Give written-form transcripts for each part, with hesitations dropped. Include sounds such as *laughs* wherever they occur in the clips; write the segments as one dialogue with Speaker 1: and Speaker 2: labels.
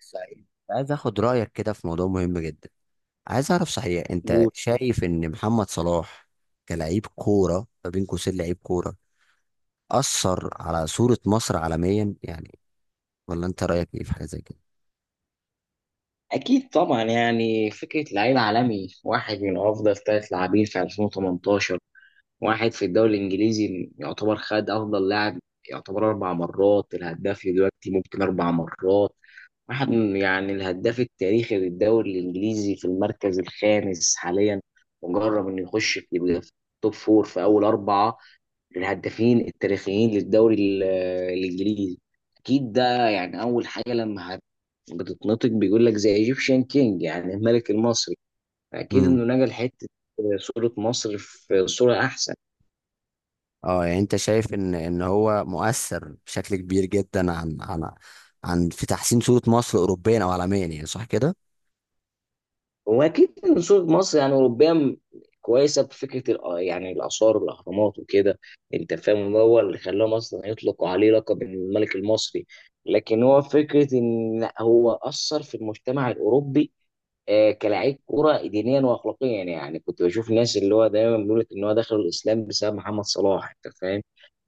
Speaker 1: صحيح. عايز اخد رايك كده في موضوع مهم جدا. عايز اعرف صحيح، انت
Speaker 2: جول.
Speaker 1: شايف ان محمد صلاح كلاعب كوره، ما بين قوسين لعيب كوره، اثر على صوره مصر عالميا يعني، ولا انت رايك ايه في حاجه زي كده؟
Speaker 2: اكيد طبعا يعني فكره لعيب عالمي، واحد من افضل ثلاث لاعبين في 2018، واحد في الدوري الانجليزي يعتبر خد افضل لاعب. يعتبر اربع مرات الهداف، دلوقتي ممكن اربع مرات. يعني الهداف التاريخي للدوري الانجليزي في المركز الخامس حاليا. مجرب انه يخش في، يبقى في توب فور، في اول اربعه من الهدافين التاريخيين للدوري الانجليزي. اكيد ده، يعني اول حاجه لما بتتنطق بيقول لك زي ايجيبشن كينج، يعني الملك المصري. اكيد
Speaker 1: امم.
Speaker 2: انه نقل حته صوره مصر في صوره احسن.
Speaker 1: اه يعني انت شايف ان هو مؤثر بشكل كبير جدا عن في تحسين صوره مصر اوروبيا او عالميا يعني، صح كده؟
Speaker 2: هو اكيد ان صوره مصر يعني اوروبيه كويسه بفكره يعني الاثار والاهرامات وكده، انت فاهم؟ هو اللي خلاهم اصلا يطلقوا عليه لقب الملك المصري. لكن هو فكره ان هو اثر في المجتمع الاوروبي، كلاعب كرة دينيا واخلاقيا. يعني كنت بشوف ناس اللي هو دايما بيقول لك ان هو دخل الاسلام بسبب محمد صلاح، انت فاهم؟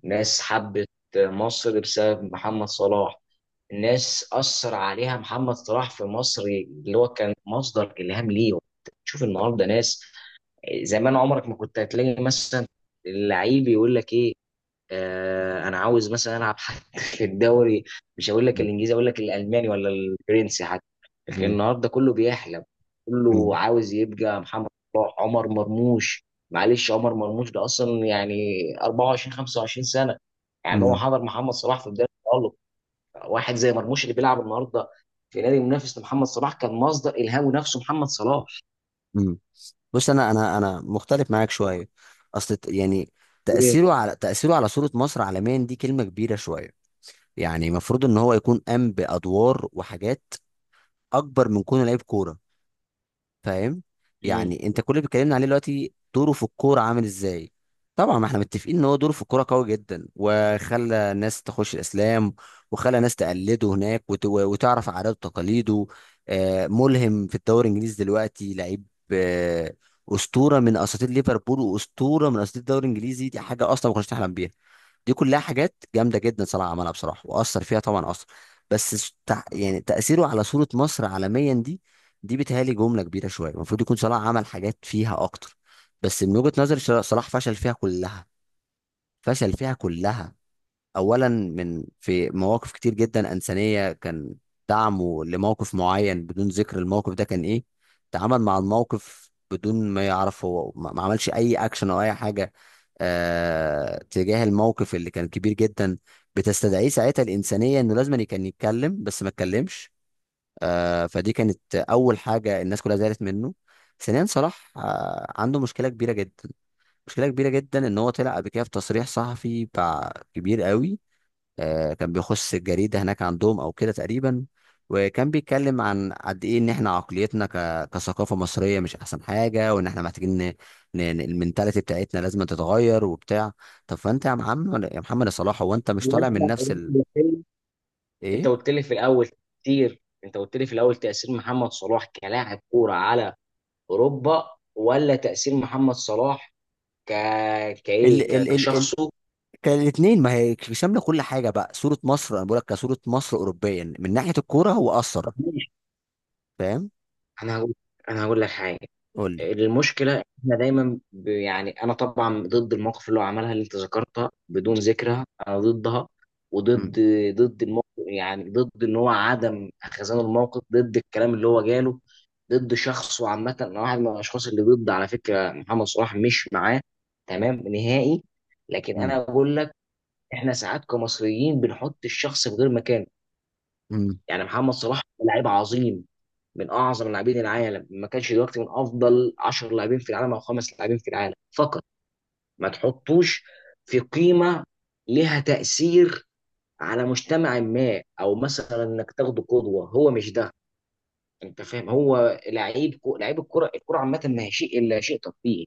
Speaker 2: ناس حبت مصر بسبب محمد صلاح. الناس اثر عليها محمد صلاح في مصر، اللي هو كان مصدر الهام ليهم. تشوف النهارده ناس، زمان عمرك ما كنت هتلاقي مثلا اللعيب يقول لك ايه، انا عاوز مثلا العب حتى *laughs* في الدوري. مش هقول لك الانجليزي، اقول لك الالماني ولا الفرنسي حتى. لكن
Speaker 1: امم،
Speaker 2: النهارده كله بيحلم، كله
Speaker 1: امم،
Speaker 2: عاوز يبقى محمد صلاح، عمر مرموش. معلش، عمر مرموش ده اصلا يعني 24 25 سنه. يعني هو حضر محمد صلاح في بدايه التألق. واحد زي مرموش اللي بيلعب النهارده في نادي منافس لمحمد صلاح كان مصدر الهامه نفسه محمد صلاح.
Speaker 1: امم. بص، انا مختلف معاك شويه. اصل يعني، تاثيره على صوره مصر عالميا، دي كلمه كبيره شويه. يعني المفروض ان هو يكون قام بادوار وحاجات اكبر من كونه لعيب كوره، فاهم؟
Speaker 2: مم.
Speaker 1: يعني انت كل اللي بيتكلمنا عليه دلوقتي دوره في الكوره عامل ازاي. طبعا ما احنا متفقين ان هو دوره في الكوره قوي جدا، وخلى ناس تخش الاسلام، وخلى ناس تقلده هناك، وتعرف عاداته وتقاليده. ملهم في الدوري الانجليزي دلوقتي لعيب. آه، اسطوره من اساطير ليفربول، واسطوره من اساطير الدوري الانجليزي، دي حاجه اصلا ما كناش نحلم بيها. دي كلها حاجات جامده جدا صلاح عملها بصراحه، واثر فيها طبعا اثر. بس يعني، تاثيره على صوره مصر عالميا دي، دي بتهيألي جمله كبيره شويه، المفروض يكون صلاح عمل حاجات فيها اكتر. بس من وجهه نظري، صلاح فشل فيها كلها، فشل فيها كلها. اولا، من في مواقف كتير جدا انسانيه، كان دعمه لموقف معين، بدون ذكر الموقف ده كان ايه، تعامل مع الموقف بدون ما يعرف، هو ما عملش اي اكشن او اي حاجه تجاه الموقف اللي كان كبير جدا، بتستدعيه ساعتها الانسانيه انه لازم كان يتكلم، بس ما اتكلمش. فدي كانت اول حاجه الناس كلها زعلت منه. ثانيا، صلاح عنده مشكله كبيره جدا، مشكله كبيره جدا ان هو طلع قبل كده في تصريح صحفي بتاع كبير قوي. كان بيخش الجريدة هناك عندهم أو كده تقريبا، وكان بيتكلم عن قد إيه إن إحنا عقليتنا كثقافة مصرية مش أحسن حاجة، وإن إحنا محتاجين المنتاليتي بتاعتنا لازم تتغير وبتاع. طب فأنت يا محمد يا صلاح، هو أنت مش طالع من نفس إيه؟
Speaker 2: انت قلت لي في الاول تأثير محمد صلاح كلاعب كورة على اوروبا، ولا تأثير محمد صلاح ك
Speaker 1: ال ال ال ال
Speaker 2: كشخصه؟
Speaker 1: الاثنين، ما هي شامله كل حاجه بقى، صوره مصر انا بقول لك، كصوره مصر اوروبيا من ناحيه الكوره هو اثر،
Speaker 2: ماشي.
Speaker 1: فاهم؟
Speaker 2: انا هقول انا هقول لك حاجة.
Speaker 1: قول لي.
Speaker 2: المشكله إن احنا دايما يعني انا طبعا ضد المواقف اللي هو عملها، اللي انت ذكرتها بدون ذكرها، انا ضدها،
Speaker 1: امم،
Speaker 2: وضد الموقف، يعني ضد ان هو عدم خزان الموقف، ضد الكلام اللي هو جاله، ضد شخصه عامه. انا واحد من الاشخاص اللي ضد على فكره محمد صلاح، مش معاه تمام نهائي. لكن
Speaker 1: امم،
Speaker 2: انا بقول لك، احنا ساعات كمصريين بنحط الشخص في غير مكانه.
Speaker 1: امم.
Speaker 2: يعني محمد صلاح لعيب عظيم، من اعظم لاعبين العالم، ما كانش دلوقتي من افضل 10 لاعبين في العالم او خمس لاعبين في العالم فقط. ما تحطوش في قيمه لها تاثير على مجتمع ما، او مثلا انك تاخده قدوه، هو مش ده، انت فاهم؟ هو لعيب لعيب الكره. الكره عامه ما هي شيء الا شيء ترفيهي،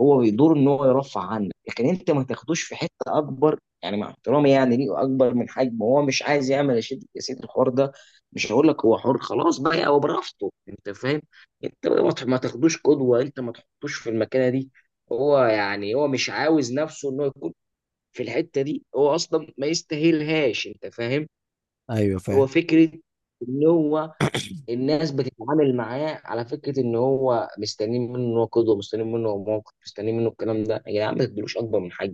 Speaker 2: هو بيدور ان هو يرفع عنك. لكن انت ما تاخدوش في حته اكبر، يعني مع احترامي يعني ليه اكبر من حجمه. هو مش عايز يعمل يا سيدي يا سيدي الحوار ده، مش هقول لك، هو حر خلاص بقى، هو برافته، انت فاهم؟ انت ما تاخدوش قدوه، انت ما تحطوش في المكانه دي. هو يعني هو مش عاوز نفسه انه يكون في الحته دي، هو اصلا ما يستاهلهاش، انت فاهم؟
Speaker 1: ايوه، فاهم،
Speaker 2: هو فكره ان هو الناس بتتعامل معاه على فكره ان هو مستنيين منه، ان هو قدوه مستنيين منه، هو موقف مستنيين منه الكلام ده. يا جدعان، ما تدلوش اكبر من حاجه.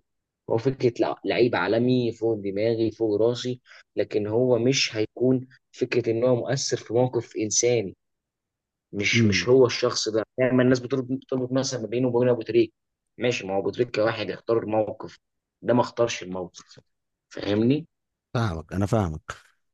Speaker 2: هو فكره لعيب عالمي فوق دماغي فوق راسي. لكن هو مش هيكون فكره ان هو مؤثر في موقف انساني. مش هو الشخص ده، دايما الناس بتربط مثلا ما بينه وبين ابو تريك. ماشي، ما هو ابو تريك كواحد اختار الموقف، ده ما اختارش الموقف، فاهمني؟
Speaker 1: فاهمك، انا فاهمك.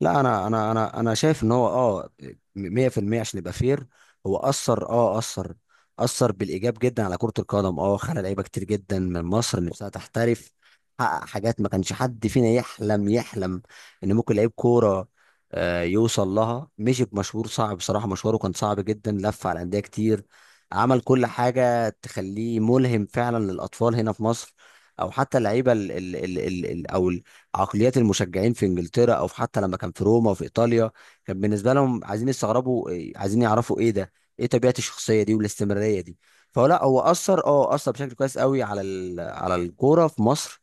Speaker 1: لا، انا شايف ان هو، 100% عشان يبقى فير، هو اثر، بالايجاب جدا على كرة القدم، خلى لعيبه كتير جدا من مصر نفسها تحترف. حقق حاجات ما كانش حد فينا يحلم ان ممكن لعيب كوره يوصل لها، مشي بمشوار صعب بصراحه، مشواره كان صعب جدا، لف على انديه كتير، عمل كل حاجه تخليه ملهم فعلا للاطفال هنا في مصر، او حتى اللعيبه، ال ال ال ال او عقليات المشجعين في انجلترا، او في، حتى لما كان في روما وفي ايطاليا، كان بالنسبه لهم عايزين يستغربوا، عايزين يعرفوا ايه ده، ايه طبيعه الشخصيه دي والاستمراريه دي. فهو لا، هو اثر، اثر بشكل كويس قوي على على الكوره في مصر،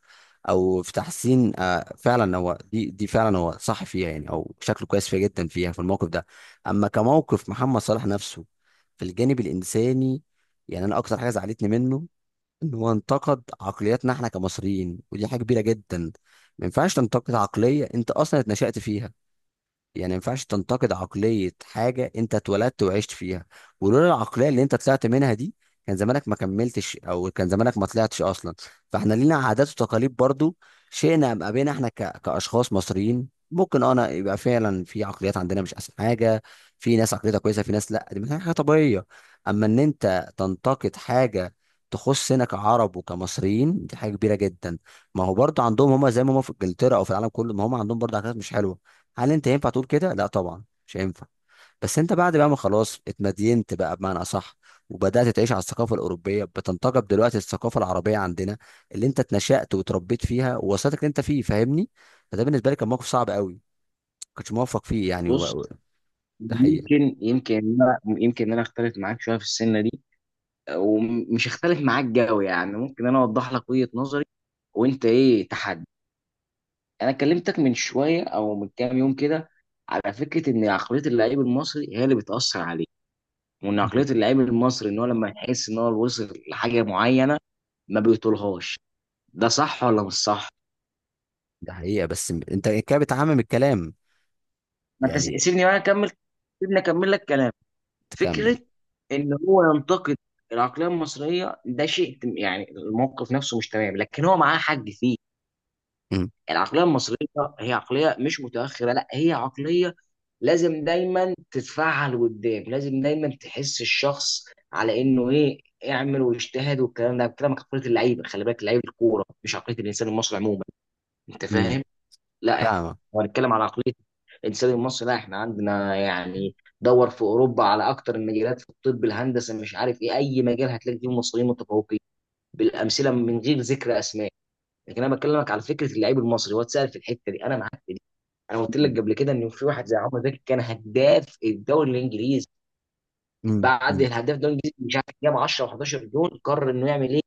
Speaker 1: او في تحسين. فعلا هو، دي فعلا، هو صح فيها يعني، او شكله كويس فيها جدا، فيها في الموقف ده. اما كموقف محمد صلاح نفسه في الجانب الانساني، يعني انا اكتر حاجه زعلتني منه، ان هو انتقد عقلياتنا احنا كمصريين، ودي حاجه كبيره جدا. ما ينفعش تنتقد عقليه انت اصلا اتنشأت فيها، يعني ما ينفعش تنتقد عقلية حاجة انت اتولدت وعشت فيها، ولولا العقلية اللي انت طلعت منها دي كان زمانك ما كملتش، او كان زمانك ما طلعتش اصلا. فاحنا لينا عادات وتقاليد برضو، شئنا ام ابينا، احنا كاشخاص مصريين ممكن، انا يبقى، فعلا في عقليات عندنا مش احسن حاجة، في ناس عقليتها كويسة، في ناس لا، دي من حاجة طبيعية. اما ان انت تنتقد حاجة تخصنا كعرب وكمصريين، دي حاجة كبيرة جدا. ما هو برضو عندهم هما، زي ما هما في انجلترا او في العالم كله، ما هما عندهم برضو عادات مش حلوة. هل انت ينفع تقول كده؟ لا طبعا، مش هينفع. بس انت، بعد بقى ما خلاص اتمدينت بقى، بمعنى اصح، وبدات تعيش على الثقافه الاوروبيه، بتنتقب دلوقتي الثقافه العربيه عندنا، اللي انت اتنشأت وتربيت فيها ووصلتك اللي انت فيه، فاهمني؟ فده بالنسبه لي كان موقف صعب قوي، ما كنتش موفق فيه يعني.
Speaker 2: بص،
Speaker 1: ده حقيقه.
Speaker 2: يمكن ان انا اختلف معاك شويه في السنه دي، ومش هختلف معاك قوي. يعني ممكن انا اوضح لك وجهة نظري وانت ايه تحدي. انا كلمتك من شويه او من كام يوم كده على فكره ان عقليه اللعيب المصري هي اللي بتاثر عليه، وان عقليه
Speaker 1: *laughs*
Speaker 2: اللعيب المصري ان هو لما يحس ان هو وصل لحاجه معينه ما بيطولهاش، ده صح ولا مش صح؟
Speaker 1: ده حقيقه، بس انت كده بتعمم الكلام.
Speaker 2: ما انت
Speaker 1: يعني
Speaker 2: سيبني بقى اكمل، سيبني اكمل لك كلام.
Speaker 1: تكمل.
Speaker 2: فكره ان هو ينتقد العقليه المصريه، ده شيء يعني الموقف نفسه مش تمام، لكن هو معاه حق فيه.
Speaker 1: امم،
Speaker 2: العقليه المصريه هي عقليه مش متاخره، لا هي عقليه لازم دايما تتفعل قدام، لازم دايما تحس الشخص على انه ايه، اعمل واجتهد، والكلام ده الكلام عقليه اللعيبه. خلي بالك، لعيبه الكوره، مش عقليه الانسان المصري عموما، انت
Speaker 1: امم.
Speaker 2: فاهم؟ لا احنا
Speaker 1: فاهمه.
Speaker 2: هنتكلم على عقليه الانسان المصري، لا احنا عندنا يعني دور في اوروبا على اكتر المجالات، في الطب، الهندسه، مش عارف ايه، اي مجال هتلاقي فيه مصريين متفوقين بالامثله من غير ذكر اسماء. لكن انا بكلمك على فكره اللعيب المصري، هو اتسال في الحته دي، انا معاك في، انا قلت لك
Speaker 1: امم،
Speaker 2: قبل كده ان في واحد زي عمرو زكي كان هداف الدوري الانجليزي.
Speaker 1: امم،
Speaker 2: بعد
Speaker 1: امم.
Speaker 2: الهداف الدوري الانجليزي مش عارف جاب 10 و11 جون، قرر انه يعمل ايه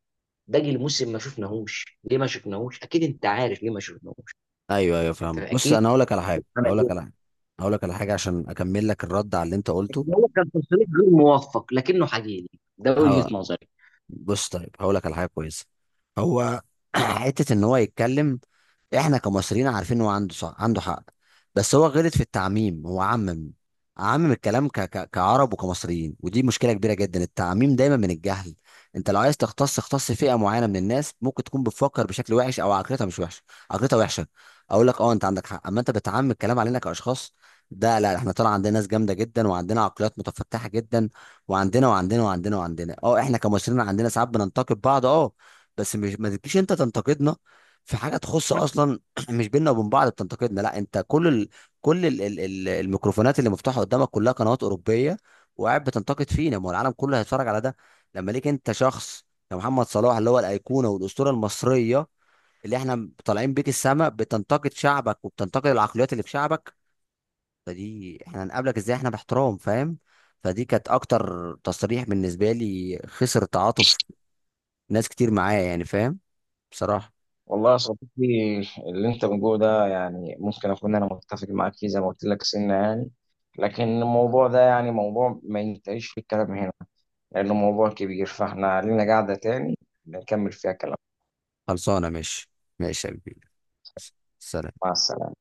Speaker 2: باقي الموسم؟ ما شفناهوش. ليه ما شفناهوش؟ اكيد انت عارف ليه ما شفناهوش،
Speaker 1: *laughs* ايوه، ايوه،
Speaker 2: انت
Speaker 1: فاهمه. بص،
Speaker 2: اكيد
Speaker 1: انا هقول لك على حاجه، هقول
Speaker 2: عمل
Speaker 1: لك
Speaker 2: ايه.
Speaker 1: على حاجه، هقول لك على حاجه عشان اكمل لك الرد على اللي انت قلته.
Speaker 2: لكن هو كان تصريح غير موفق لكنه حقيقي، ده وجهة
Speaker 1: اه
Speaker 2: نظري.
Speaker 1: بص طيب، هقول لك على حاجه كويسه. هو *clears throat* حته ان هو يتكلم، احنا كمصريين عارفين هو عنده صح، عنده حق. بس هو غلط في التعميم، هو عمم، عمم الكلام كعرب وكمصريين، ودي مشكله كبيره جدا، التعميم دايما من الجهل. انت لو عايز تختص، اختص فئه معينه من الناس ممكن تكون بتفكر بشكل وحش، او عقليتها مش وحشه، عقليتها وحشه. اقول لك، انت عندك حق، اما انت بتعمم الكلام علينا كاشخاص، ده لا، احنا طلع عندنا ناس جامده جدا، وعندنا عقليات متفتحه جدا، وعندنا احنا كمصريين عندنا ساعات بننتقد بعض، بس مش، ما تجيش انت تنتقدنا في حاجه تخص اصلا *clears throat* مش بيننا وبين بعض، بتنتقدنا. لا، انت كل الميكروفونات اللي مفتوحه قدامك كلها قنوات اوروبيه، وقاعد بتنتقد فينا، ما هو العالم كله هيتفرج على ده. لما ليك انت شخص يا محمد صلاح، اللي هو الايقونه والاسطوره المصريه اللي احنا طالعين بيك السما، بتنتقد شعبك وبتنتقد العقليات اللي في شعبك، فدي احنا هنقابلك ازاي؟ احنا باحترام، فاهم؟ فدي كانت اكتر تصريح بالنسبه لي خسر تعاطف ناس كتير معايا يعني، فاهم؟ بصراحه.
Speaker 2: والله يا صديقي، اللي انت بتقوله ده يعني ممكن اكون انا متفق معاك فيه، زي ما قلت لك سنة يعني. لكن الموضوع ده يعني موضوع ما ينتهيش في الكلام هنا لأنه موضوع كبير، فاحنا لينا قاعدة تاني نكمل فيها كلام.
Speaker 1: خلصانه، ماشي. ماشي يا كبير. سلام.
Speaker 2: مع السلامة.